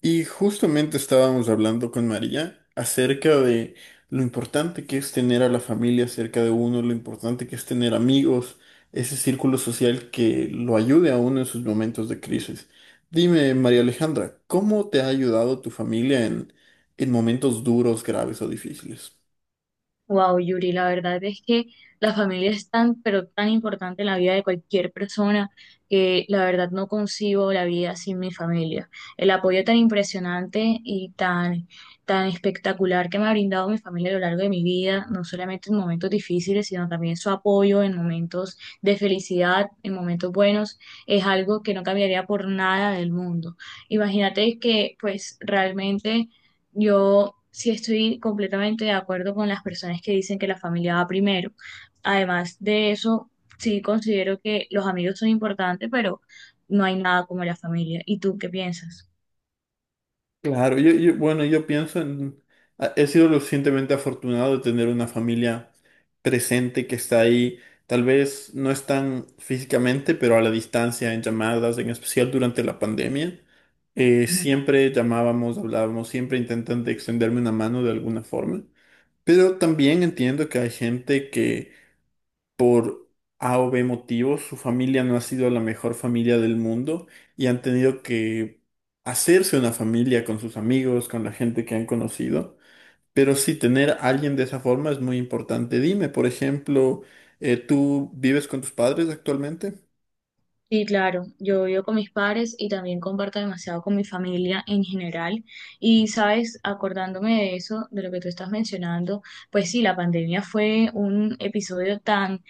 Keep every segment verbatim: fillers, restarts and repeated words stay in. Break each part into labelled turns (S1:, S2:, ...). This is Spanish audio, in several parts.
S1: Y justamente estábamos hablando con María acerca de lo importante que es tener a la familia cerca de uno, lo importante que es tener amigos, ese círculo social que lo ayude a uno en sus momentos de crisis. Dime, María Alejandra, ¿cómo te ha ayudado tu familia en, en momentos duros, graves o difíciles?
S2: Wow, Yuri, la verdad es que la familia es tan, pero tan importante en la vida de cualquier persona que la verdad no concibo la vida sin mi familia. El apoyo tan impresionante y tan, tan espectacular que me ha brindado mi familia a lo largo de mi vida, no solamente en momentos difíciles, sino también su apoyo en momentos de felicidad, en momentos buenos, es algo que no cambiaría por nada del mundo. Imagínate que pues realmente yo sí estoy completamente de acuerdo con las personas que dicen que la familia va primero. Además de eso, sí considero que los amigos son importantes, pero no hay nada como la familia. ¿Y tú qué piensas?
S1: Claro, yo, yo- bueno, yo pienso en... a- He sido lo suficientemente afortunado de tener una familia presente que está ahí. Tal vez no están físicamente, pero a la distancia, en llamadas, en especial durante la pandemia. Eh,
S2: Ujú.
S1: siempre llamábamos, hablábamos, siempre intentando extenderme una mano de alguna forma. Pero también entiendo que hay gente que por A o B motivos, su familia no ha sido la mejor familia del mundo y han tenido que hacerse una familia con sus amigos, con la gente que han conocido. Pero sí, tener a alguien de esa forma es muy importante. Dime, por ejemplo, eh, ¿tú vives con tus padres actualmente?
S2: Sí, claro, yo vivo con mis padres y también comparto demasiado con mi familia en general. Y sabes, acordándome de eso, de lo que tú estás mencionando, pues sí, la pandemia fue un episodio tan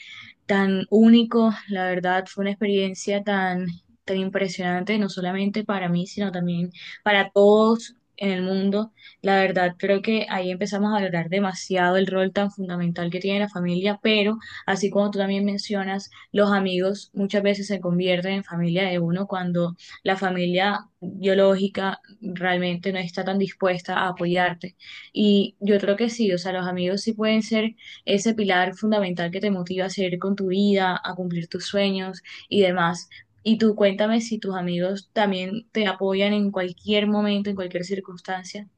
S2: tan único, la verdad fue una experiencia tan, tan impresionante, no solamente para mí, sino también para todos en el mundo. La verdad creo que ahí empezamos a valorar demasiado el rol tan fundamental que tiene la familia, pero así como tú también mencionas, los amigos muchas veces se convierten en familia de uno cuando la familia biológica realmente no está tan dispuesta a apoyarte. Y yo creo que sí, o sea, los amigos sí pueden ser ese pilar fundamental que te motiva a seguir con tu vida, a cumplir tus sueños y demás. Y tú cuéntame si tus amigos también te apoyan en cualquier momento, en cualquier circunstancia.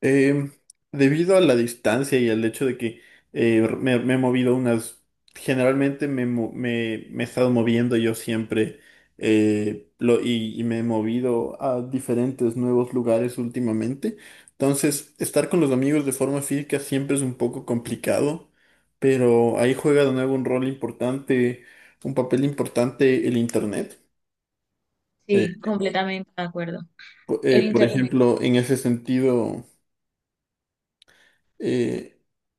S1: Eh, Debido a la distancia y al hecho de que eh, me, me he movido unas, generalmente me, mo- me- me he estado moviendo yo siempre eh, lo- y, y me he movido a diferentes nuevos lugares últimamente. Entonces, estar con los amigos de forma física siempre es un poco complicado, pero ahí juega de nuevo un rol importante, un papel importante el internet. Eh,
S2: Sí, completamente de acuerdo.
S1: po- eh,
S2: El
S1: por
S2: internet.
S1: ejemplo, en ese sentido... eh,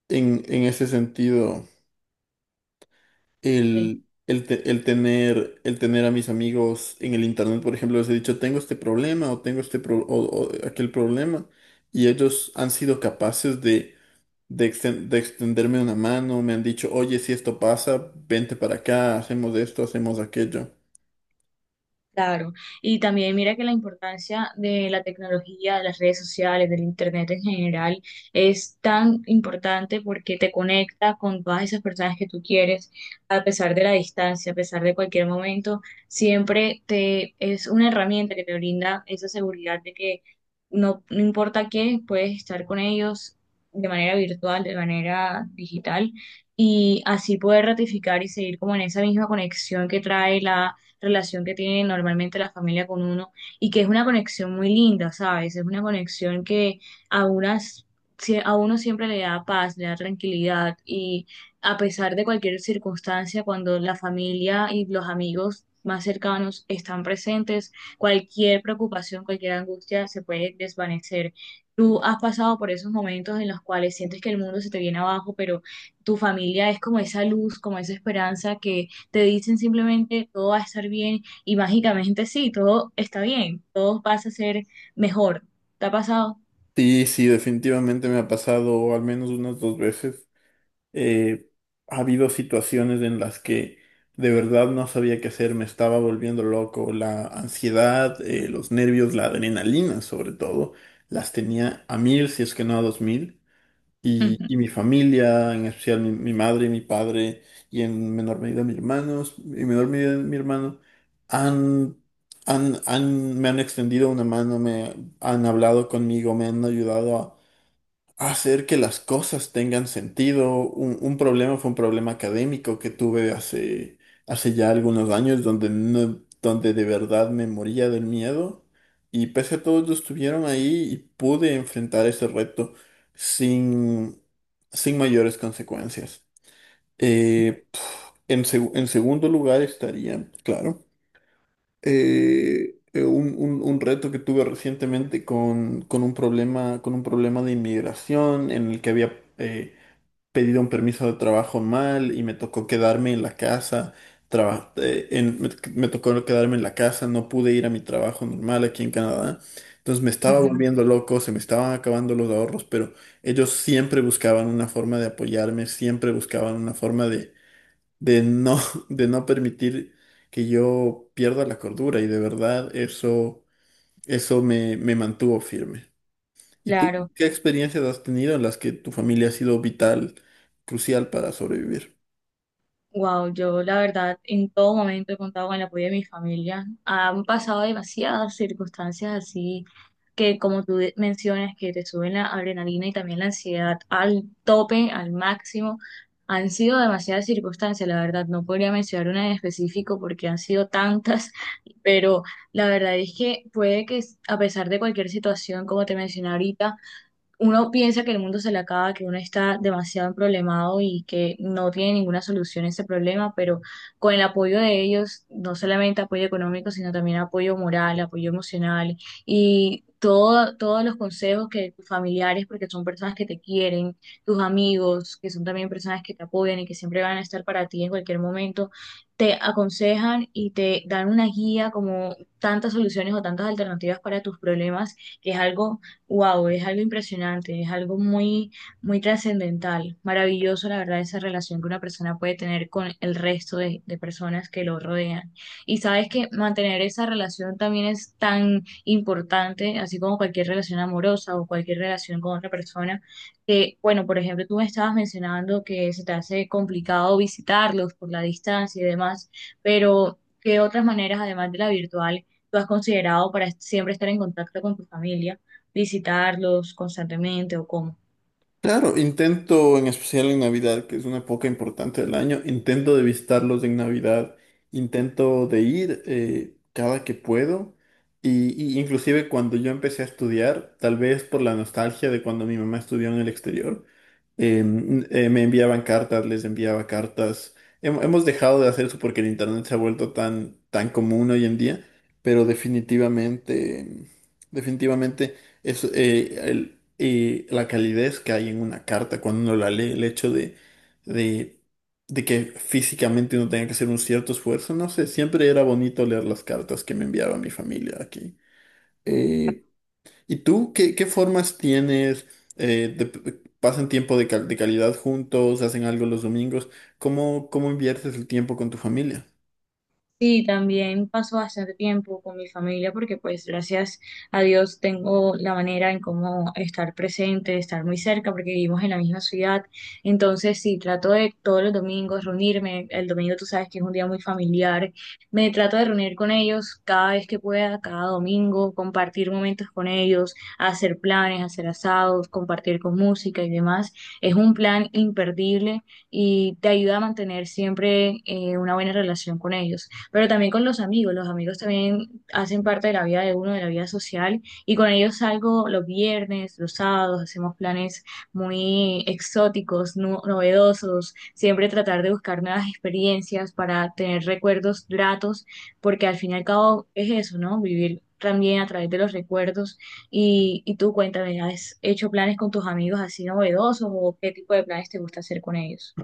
S1: en, en ese sentido,
S2: Sí.
S1: el, el, te- el tener, el tener a mis amigos en el internet, por ejemplo, les he dicho, tengo este problema o tengo este pro- o, o aquel problema, y ellos han sido capaces de, de, exten- de extenderme una mano, me han dicho, oye, si esto pasa, vente para acá, hacemos esto, hacemos aquello.
S2: Claro, y también mira que la importancia de la tecnología, de las redes sociales, del internet en general, es tan importante porque te conecta con todas esas personas que tú quieres, a pesar de la distancia, a pesar de cualquier momento, siempre te es una herramienta que te brinda esa seguridad de que no, no importa qué, puedes estar con ellos de manera virtual, de manera digital, y así poder ratificar y seguir como en esa misma conexión que trae la relación que tiene normalmente la familia con uno y que es una conexión muy linda, ¿sabes? Es una conexión que a unas, si- a uno siempre le da paz, le da tranquilidad y a pesar de cualquier circunstancia, cuando la familia y los amigos más cercanos están presentes, cualquier preocupación, cualquier angustia se puede desvanecer. Tú has pasado por esos momentos en los cuales sientes que el mundo se te viene abajo, pero tu familia es como esa luz, como esa esperanza que te dicen simplemente todo va a estar bien y mágicamente sí, todo está bien, todo pasa a ser mejor. ¿Te ha pasado?
S1: Sí, sí, definitivamente me ha pasado al menos unas dos veces. eh, Ha habido situaciones en las que de verdad no sabía qué hacer, me estaba volviendo loco, la ansiedad, eh, los nervios, la adrenalina sobre todo, las tenía a mil, si es que no a dos mil, y, y mi familia, en especial mi, mi madre, mi padre, y en menor medida mis hermanos, en menor medida mi hermano, han... han- han- me han extendido una mano, me han hablado conmigo, me han ayudado hacer que las cosas tengan sentido. Un, un problema fue un problema académico que tuve hace, hace ya algunos años donde, no- donde de verdad me moría del miedo y pese a todo ellos estuvieron ahí y pude enfrentar ese reto sin, sin mayores consecuencias. Eh, en, seg- en segundo lugar estaría, claro, eh, eh, un, un- un reto que tuve recientemente con, con un problema, con un problema de inmigración en el que había eh, pedido un permiso de trabajo mal y me tocó quedarme en la casa. traba- eh, en- me, Me tocó quedarme en la casa, no pude ir a mi trabajo normal aquí en Canadá. Entonces me estaba volviendo loco, se me estaban acabando los ahorros, pero ellos siempre buscaban una forma de apoyarme, siempre buscaban una forma de no, de no permitir que yo pierda la cordura y de verdad eso, eso me, me mantuvo firme. ¿Y tú
S2: Claro,
S1: qué experiencias has tenido en las que tu familia ha sido vital, crucial para sobrevivir?
S2: wow, yo la verdad en todo momento he contado con el apoyo de mi familia. Han pasado demasiadas circunstancias así que como tú de- mencionas, que te suben la adrenalina y también la ansiedad al tope, al máximo, han sido demasiadas circunstancias, la verdad, no podría mencionar una en específico porque han sido tantas, pero la verdad es que puede que a pesar de cualquier situación, como te mencioné ahorita, uno piensa que el mundo se le acaba, que uno está demasiado problemado y que no tiene ninguna solución a ese problema, pero con el apoyo de ellos, no solamente apoyo económico, sino también apoyo moral, apoyo emocional y todo, todos los consejos que tus familiares, porque son personas que te quieren, tus amigos, que son también personas que te apoyan y que siempre van a estar para ti en cualquier momento, te aconsejan y te dan una guía como tantas soluciones o tantas alternativas para tus problemas, que es algo. Wow, es algo impresionante, es algo muy, muy trascendental, maravilloso, la verdad, esa relación que una persona puede tener con el resto de, de personas que lo rodean. Y sabes que mantener esa relación también es tan importante, así como cualquier relación amorosa o cualquier relación con otra persona, que, bueno, por ejemplo, tú me estabas mencionando que se te hace complicado visitarlos por la distancia y demás, pero ¿qué otras maneras, además de la virtual, tú has considerado para siempre estar en contacto con tu familia? ¿Visitarlos constantemente o cómo?
S1: Claro, intento, en especial en Navidad, que es una época importante del año, intento de visitarlos en Navidad, intento de ir eh, cada que puedo, y, y inclusive cuando yo empecé a estudiar, tal vez por la nostalgia de cuando mi mamá estudió en el exterior, eh, n- eh, me enviaban cartas, les enviaba cartas. Hem- hemos dejado de hacer eso porque el internet se ha vuelto tan, tan común hoy en día, pero definitivamente, definitivamente es, eh, la calidez que hay en una carta cuando uno la lee, el hecho de, de, de que físicamente uno tenga que hacer un cierto esfuerzo, no sé, siempre era bonito leer las cartas que me enviaba mi familia aquí. Eh, ¿Y tú qué, qué formas tienes? Eh, de- ¿Pasan tiempo de, cal- de calidad juntos? ¿Hacen algo los domingos? ¿Cómo, cómo inviertes el tiempo con tu familia?
S2: Sí, también paso bastante tiempo con mi familia porque pues gracias a Dios tengo la manera en cómo estar presente, estar muy cerca porque vivimos en la misma ciudad. Entonces sí, trato de todos los domingos reunirme. El domingo tú sabes que es un día muy familiar. Me trato de reunir con ellos cada vez que pueda, cada domingo, compartir momentos con ellos, hacer planes, hacer asados, compartir con música y demás. Es un plan imperdible y te ayuda a mantener siempre eh, una buena relación con ellos pero también con los amigos. Los amigos también hacen parte de la vida de uno, de la vida social, y con ellos salgo los viernes, los sábados, hacemos planes muy exóticos, no- novedosos, siempre tratar de buscar nuevas experiencias para tener recuerdos gratos, porque al fin y al cabo es eso, ¿no? Vivir también a través de los recuerdos. Y, y tú cuéntame, ¿has hecho planes con tus amigos así novedosos o qué tipo de planes te gusta hacer con ellos?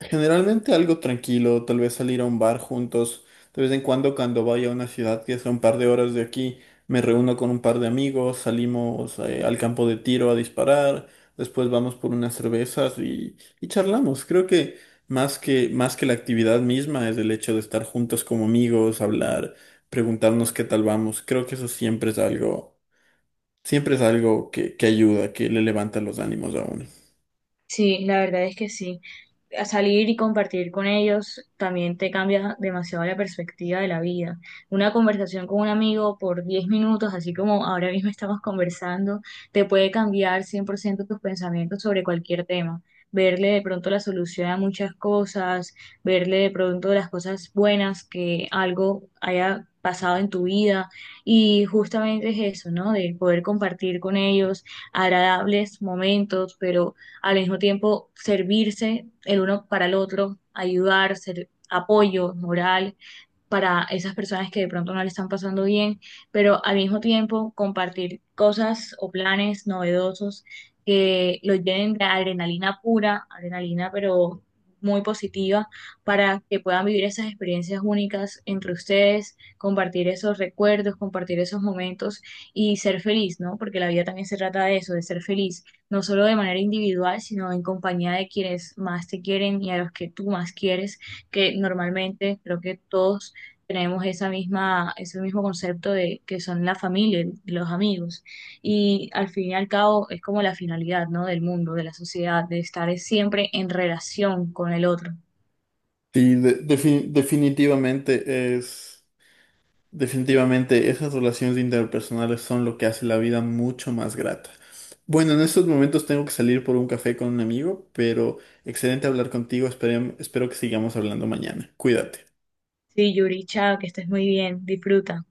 S1: Generalmente algo tranquilo, tal vez salir a un bar juntos. De vez en cuando, cuando vaya a una ciudad que sea un par de horas de aquí, me reúno con un par de amigos, salimos eh, al campo de tiro a disparar, después vamos por unas cervezas y, y charlamos. Creo que más que, más que la actividad misma es el hecho de estar juntos como amigos, hablar, preguntarnos qué tal vamos. Creo que eso siempre es algo, siempre es algo que, que ayuda, que le levanta los ánimos a uno.
S2: Sí, la verdad es que sí. A salir y compartir con ellos también te cambia demasiado la perspectiva de la vida. Una conversación con un amigo por diez minutos, así como ahora mismo estamos conversando, te puede cambiar cien por ciento tus pensamientos sobre cualquier tema. Verle de pronto la solución a muchas cosas, verle de pronto las cosas buenas que algo haya pasado en tu vida y justamente es eso, ¿no? De poder compartir con ellos agradables momentos, pero al mismo tiempo servirse el uno para el otro, ayudar, ser apoyo moral para esas personas que de pronto no le están pasando bien, pero al mismo tiempo compartir cosas o planes novedosos que los llenen de adrenalina pura, adrenalina pero muy positiva, para que puedan vivir esas experiencias únicas entre ustedes, compartir esos recuerdos, compartir esos momentos y ser feliz, ¿no? Porque la vida también se trata de eso, de ser feliz, no solo de manera individual, sino en compañía de quienes más te quieren y a los que tú más quieres, que normalmente creo que todos tenemos esa misma, ese mismo concepto de que son la familia, y los amigos. Y al fin y al cabo es como la finalidad, ¿no? Del mundo, de la sociedad, de estar siempre en relación con el otro.
S1: Sí, de- defi- definitivamente es. Definitivamente, esas relaciones interpersonales son lo que hace la vida mucho más grata. Bueno, en estos momentos tengo que salir por un café con un amigo, pero excelente hablar contigo. Espere- espero que sigamos hablando mañana. Cuídate.
S2: Sí, Yuricha, que estés muy bien, disfruta.